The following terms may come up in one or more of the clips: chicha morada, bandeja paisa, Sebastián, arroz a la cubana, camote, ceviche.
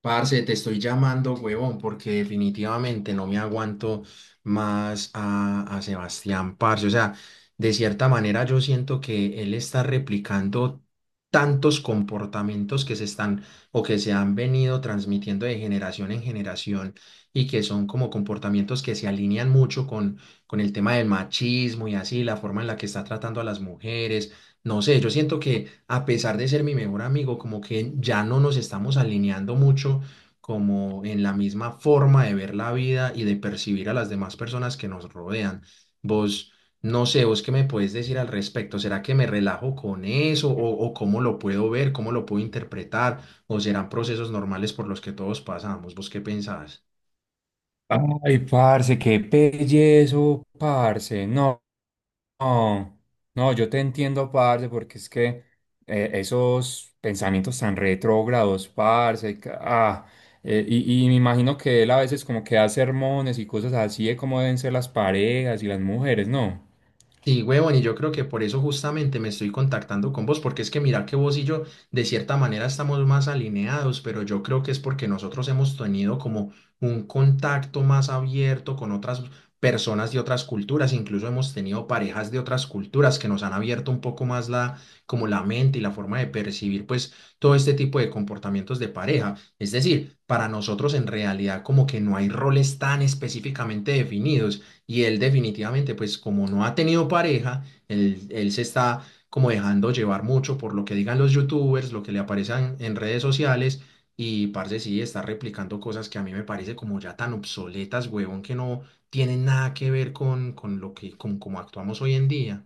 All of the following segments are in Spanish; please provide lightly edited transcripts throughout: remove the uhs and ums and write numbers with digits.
Parce, te estoy llamando, huevón, porque definitivamente no me aguanto más a Sebastián, parce. O sea, de cierta manera yo siento que él está replicando tantos comportamientos que se están o que se han venido transmitiendo de generación en generación, y que son como comportamientos que se alinean mucho con el tema del machismo y así, la forma en la que está tratando a las mujeres. No sé, yo siento que a pesar de ser mi mejor amigo, como que ya no nos estamos alineando mucho como en la misma forma de ver la vida y de percibir a las demás personas que nos rodean. Vos, no sé, vos qué me puedes decir al respecto. ¿Será que me relajo con eso o cómo lo puedo ver, cómo lo puedo interpretar? ¿O serán procesos normales por los que todos pasamos? ¿Vos qué pensás? Ay, parce, qué pellezo, parce. No, no, no, yo te entiendo, parce, porque es que esos pensamientos tan retrógrados, parce, y me imagino que él a veces como que da sermones y cosas así de cómo deben ser las parejas y las mujeres, ¿no? Sí, huevón, y yo creo que por eso justamente me estoy contactando con vos, porque es que mira que vos y yo de cierta manera estamos más alineados, pero yo creo que es porque nosotros hemos tenido como un contacto más abierto con otras personas de otras culturas, incluso hemos tenido parejas de otras culturas que nos han abierto un poco más la, como la mente y la forma de percibir pues todo este tipo de comportamientos de pareja. Es decir, para nosotros en realidad como que no hay roles tan específicamente definidos, y él definitivamente, pues como no ha tenido pareja, él se está como dejando llevar mucho por lo que digan los youtubers, lo que le aparezcan en redes sociales, y parce sí está replicando cosas que a mí me parece como ya tan obsoletas, huevón, que no tienen nada que ver con lo que, con cómo actuamos hoy en día.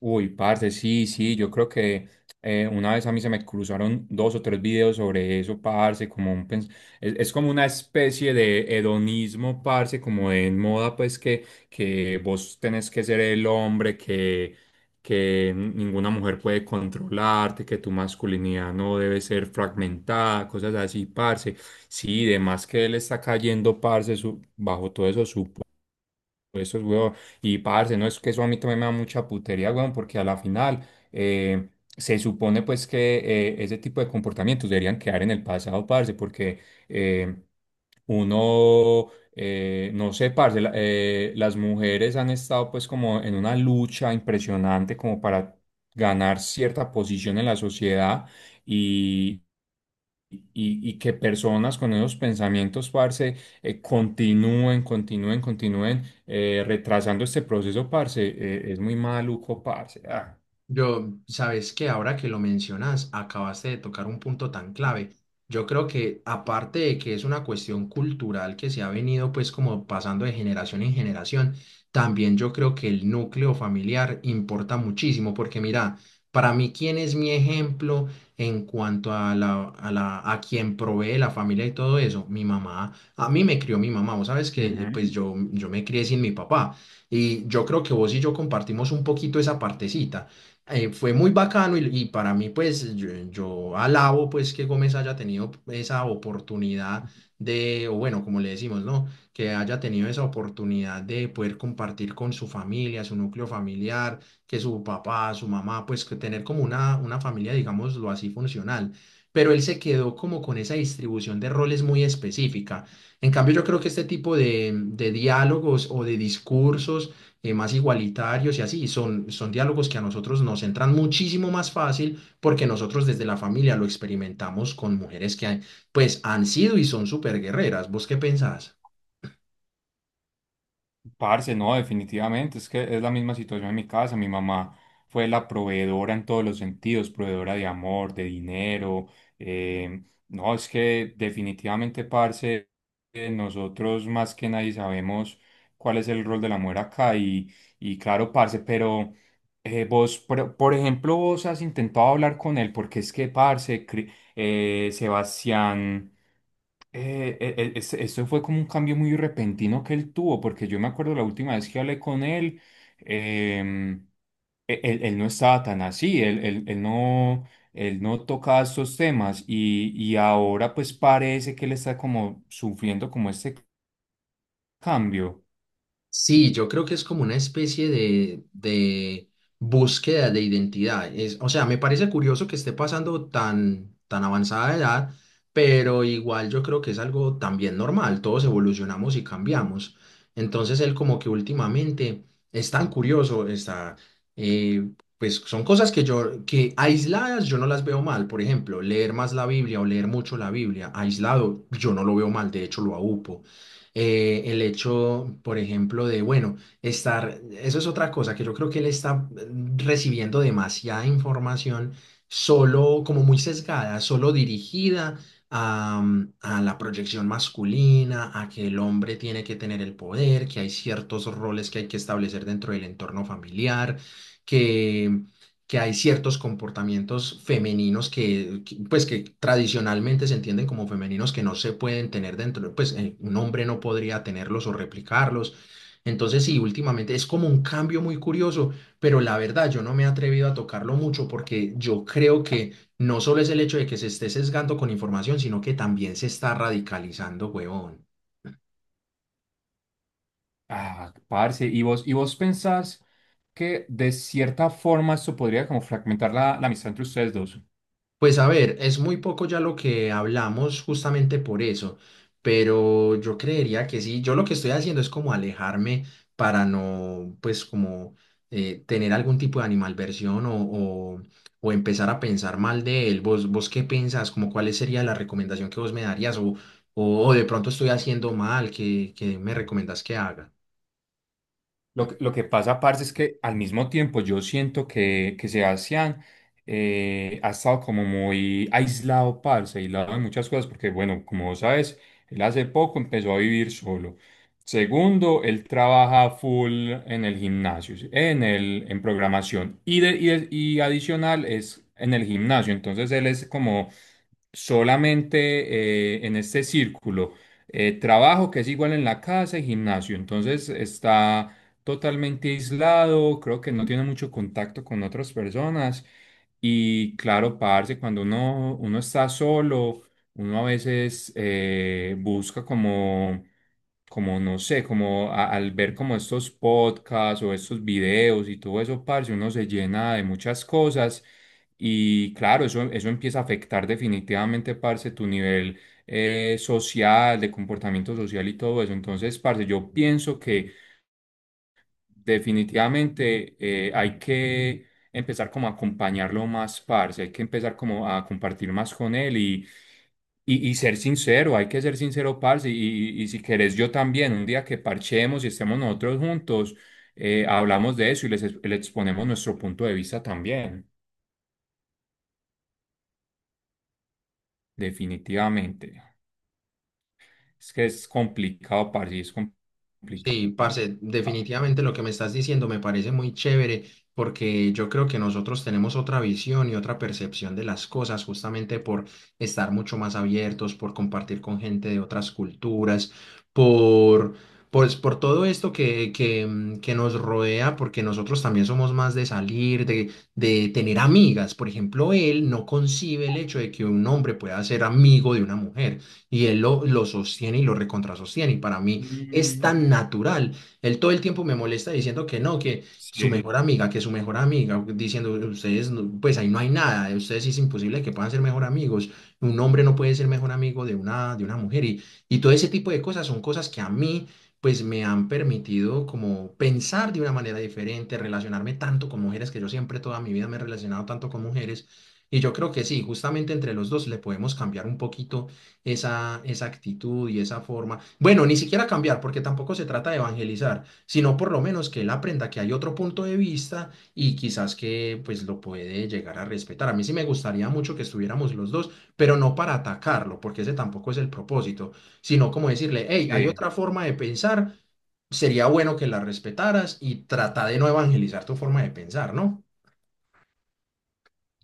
Uy, parce, sí, sí, yo creo que una vez a mí se me cruzaron dos o tres videos sobre eso, parce, como un es como una especie de hedonismo, parce, como de moda, pues que vos tenés que ser el hombre, que ninguna mujer puede controlarte, que tu masculinidad no debe ser fragmentada, cosas así, parce. Sí, de más que él está cayendo, parce, bajo todo eso, eso es, weón. Y parce, no es que eso a mí también me da mucha putería, weón, porque a la final eh, se supone pues que ese tipo de comportamientos deberían quedar en el pasado, parce, porque eh, uno, no sé, parce, las mujeres han estado pues como en una lucha impresionante como para ganar cierta posición en la sociedad y, y que personas con esos pensamientos, parce, continúen retrasando este proceso, parce, es muy maluco, parce. Ah. Yo, sabes que ahora que lo mencionas, acabaste de tocar un punto tan clave. Yo creo que aparte de que es una cuestión cultural que se ha venido pues como pasando de generación en generación, también yo creo que el núcleo familiar importa muchísimo porque mira, para mí quién es mi ejemplo en cuanto a a quien provee la familia y todo eso, mi mamá, a mí me crió mi mamá, vos sabes que Ujú. pues yo me crié sin mi papá, y yo creo que vos y yo compartimos un poquito esa partecita. Fue muy bacano, y para mí pues yo alabo pues que Gómez haya tenido esa oportunidad de, o bueno, como le decimos, ¿no? Que haya tenido esa oportunidad de poder compartir con su familia, su núcleo familiar, que su papá, su mamá, pues que tener como una familia, digámoslo así, funcional. Pero él se quedó como con esa distribución de roles muy específica. En cambio, yo creo que este tipo de diálogos o de discursos más igualitarios y así. Son, son diálogos que a nosotros nos entran muchísimo más fácil porque nosotros desde la familia lo experimentamos con mujeres que pues han sido y son súper guerreras. ¿Vos qué pensás? Parce, no, definitivamente, es que es la misma situación en mi casa. Mi mamá fue la proveedora en todos los sentidos, proveedora de amor, de dinero. eh, no, es que definitivamente, parce, nosotros más que nadie sabemos cuál es el rol de la mujer acá. Y claro, parce, pero vos, por ejemplo, vos has intentado hablar con él, porque es que, parce, Sebastián. Eso fue como un cambio muy repentino que él tuvo, porque yo me acuerdo la última vez que hablé con él, em, él no estaba tan así, él no tocaba estos temas y ahora pues parece que él está como sufriendo como este cambio. Sí, yo creo que es como una especie de búsqueda de identidad. Es, o sea, me parece curioso que esté pasando tan, tan avanzada edad, pero igual yo creo que es algo también normal. Todos evolucionamos y cambiamos. Entonces él como que últimamente es tan curioso, eh, pues son cosas que yo, que aisladas yo no las veo mal. Por ejemplo, leer más la Biblia o leer mucho la Biblia aislado, yo no lo veo mal, de hecho lo aúpo. El hecho, por ejemplo, de, bueno, estar, eso es otra cosa, que yo creo que él está recibiendo demasiada información solo, como muy sesgada, solo dirigida a, a la proyección masculina, a que el hombre tiene que tener el poder, que hay ciertos roles que hay que establecer dentro del entorno familiar. que que hay ciertos comportamientos femeninos pues, que tradicionalmente se entienden como femeninos que no se pueden tener dentro, pues un hombre no podría tenerlos o replicarlos. Entonces, sí, últimamente es como un cambio muy curioso, pero la verdad yo no me he atrevido a tocarlo mucho porque yo creo que no solo es el hecho de que se esté sesgando con información, sino que también se está radicalizando, huevón. Ah, parce, ¿ y vos pensás que de cierta forma esto podría como fragmentar la amistad entre ustedes dos? Pues a ver, es muy poco ya lo que hablamos justamente por eso, pero yo creería que sí, yo lo que estoy haciendo es como alejarme para no, pues como tener algún tipo de animalversión o empezar a pensar mal de él. ¿Vos, vos qué pensás? Como cuál sería la recomendación que vos me darías? O, de pronto estoy haciendo mal, ¿qué, qué me recomendás que haga? Lo que pasa, parce, es que al mismo tiempo yo siento que Sebastián ha estado como muy aislado, parce, aislado de muchas cosas, porque bueno, como vos sabes, él hace poco empezó a vivir solo. Segundo, él trabaja full en el gimnasio, ¿sí? En programación y adicional es en el gimnasio, entonces él es como solamente en este círculo. Trabajo que es igual en la casa y gimnasio, entonces está totalmente aislado, creo que no tiene mucho contacto con otras personas y claro, parce, cuando uno está solo, uno a veces busca como no sé, como al ver como estos podcasts o estos videos y todo eso, parce, uno se llena de muchas cosas. Y claro, eso empieza a afectar definitivamente, parce, tu nivel social, de comportamiento social y todo eso. Entonces, parce, yo pienso que definitivamente hay que empezar como a acompañarlo más, parce. Hay que empezar como a compartir más con él y ser sincero. Hay que ser sincero, parce. Y si querés, yo también, un día que parchemos y estemos nosotros juntos, hablamos de eso y les exponemos nuestro punto de vista también, definitivamente. Es que es complicado, parce, es complicado. Sí, parce, definitivamente lo que me estás diciendo me parece muy chévere porque yo creo que nosotros tenemos otra visión y otra percepción de las cosas justamente por estar mucho más abiertos, por compartir con gente de otras culturas, por, pues, por todo esto que, que nos rodea, porque nosotros también somos más de salir, de tener amigas. Por ejemplo, él no concibe el hecho de que un hombre pueda ser amigo de una mujer, y él lo sostiene y lo recontrasostiene. Y para mí es Mm, tan natural. Él todo el tiempo me molesta diciendo que no, que su sí, mejor amiga, que su mejor amiga, diciendo ustedes, pues ahí no hay nada, ustedes sí es imposible que puedan ser mejor amigos. Un hombre no puede ser mejor amigo de una mujer, y todo ese tipo de cosas son cosas que a mí pues me han permitido como pensar de una manera diferente, relacionarme tanto con mujeres, que yo siempre toda mi vida me he relacionado tanto con mujeres. Y yo creo que sí, justamente entre los dos le podemos cambiar un poquito esa, esa actitud y esa forma. Bueno, ni siquiera cambiar, porque tampoco se trata de evangelizar, sino por lo menos que él aprenda que hay otro punto de vista y quizás que pues lo puede llegar a respetar. A mí sí me gustaría mucho que estuviéramos los dos, pero no para atacarlo, porque ese tampoco es el propósito, sino como decirle, hey, hay sí. otra forma de pensar, sería bueno que la respetaras y trata de no evangelizar tu forma de pensar, ¿no?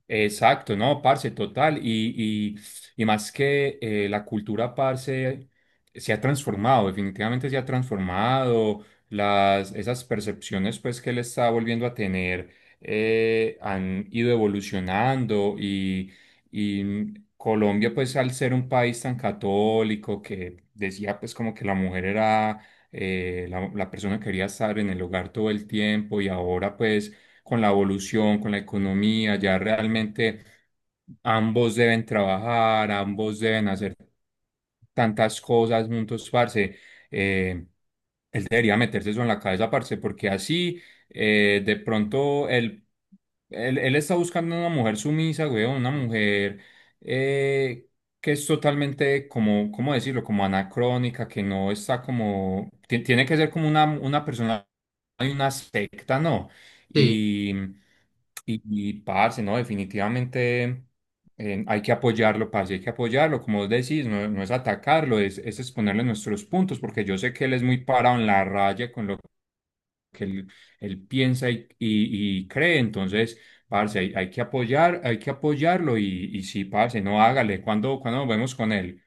Exacto, no, parce, total. Y más que la cultura, parce, se ha transformado, definitivamente se ha transformado. Las, esas percepciones, pues, que él está volviendo a tener han ido evolucionando. Y Colombia, pues, al ser un país tan católico que decía, pues, como que la mujer era la persona que quería estar en el hogar todo el tiempo y ahora, pues, con la evolución, con la economía, ya realmente ambos deben trabajar, ambos deben hacer tantas cosas juntos, parce. Eh, Él debería meterse eso en la cabeza, parce, porque así de pronto él, él, él está buscando una mujer sumisa, güey, una mujer eh, que es totalmente como, ¿cómo decirlo? Como anacrónica, que no está como, tiene que ser como una persona de una secta, ¿no? Sí. Y, y, y parce, ¿no? Definitivamente hay que apoyarlo, parce. Hay que apoyarlo, como vos decís, no es atacarlo, es exponerle nuestros puntos, porque yo sé que él es muy parado en la raya con lo que él piensa y cree, entonces, parce, hay que apoyar, hay que apoyarlo, y sí, parce, no hágale, cuando nos vemos con él?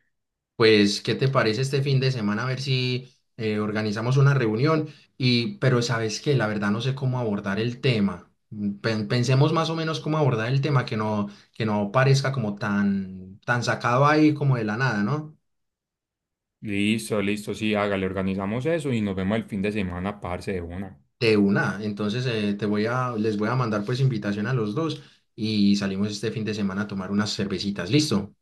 Pues, ¿qué te parece este fin de semana? A ver si organizamos una reunión. Y, pero sabes que la verdad no sé cómo abordar el tema. Mm, pensemos más o menos cómo abordar el tema, que no parezca como tan, tan sacado ahí como de la nada, ¿no? Listo, listo, sí, hágale, organizamos eso y nos vemos el fin de semana, parce, de una. De una. Entonces, te voy a, les voy a mandar pues invitación a los dos y salimos este fin de semana a tomar unas cervecitas. ¿Listo?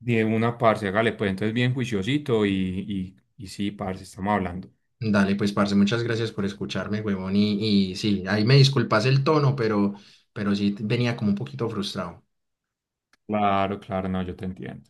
De una, parce, hágale, pues entonces bien juiciosito y sí, parce, estamos hablando. Dale, pues, parce, muchas gracias por escucharme, huevón. Y sí, ahí me disculpas el tono, pero sí venía como un poquito frustrado. Claro, claro, no, yo te entiendo.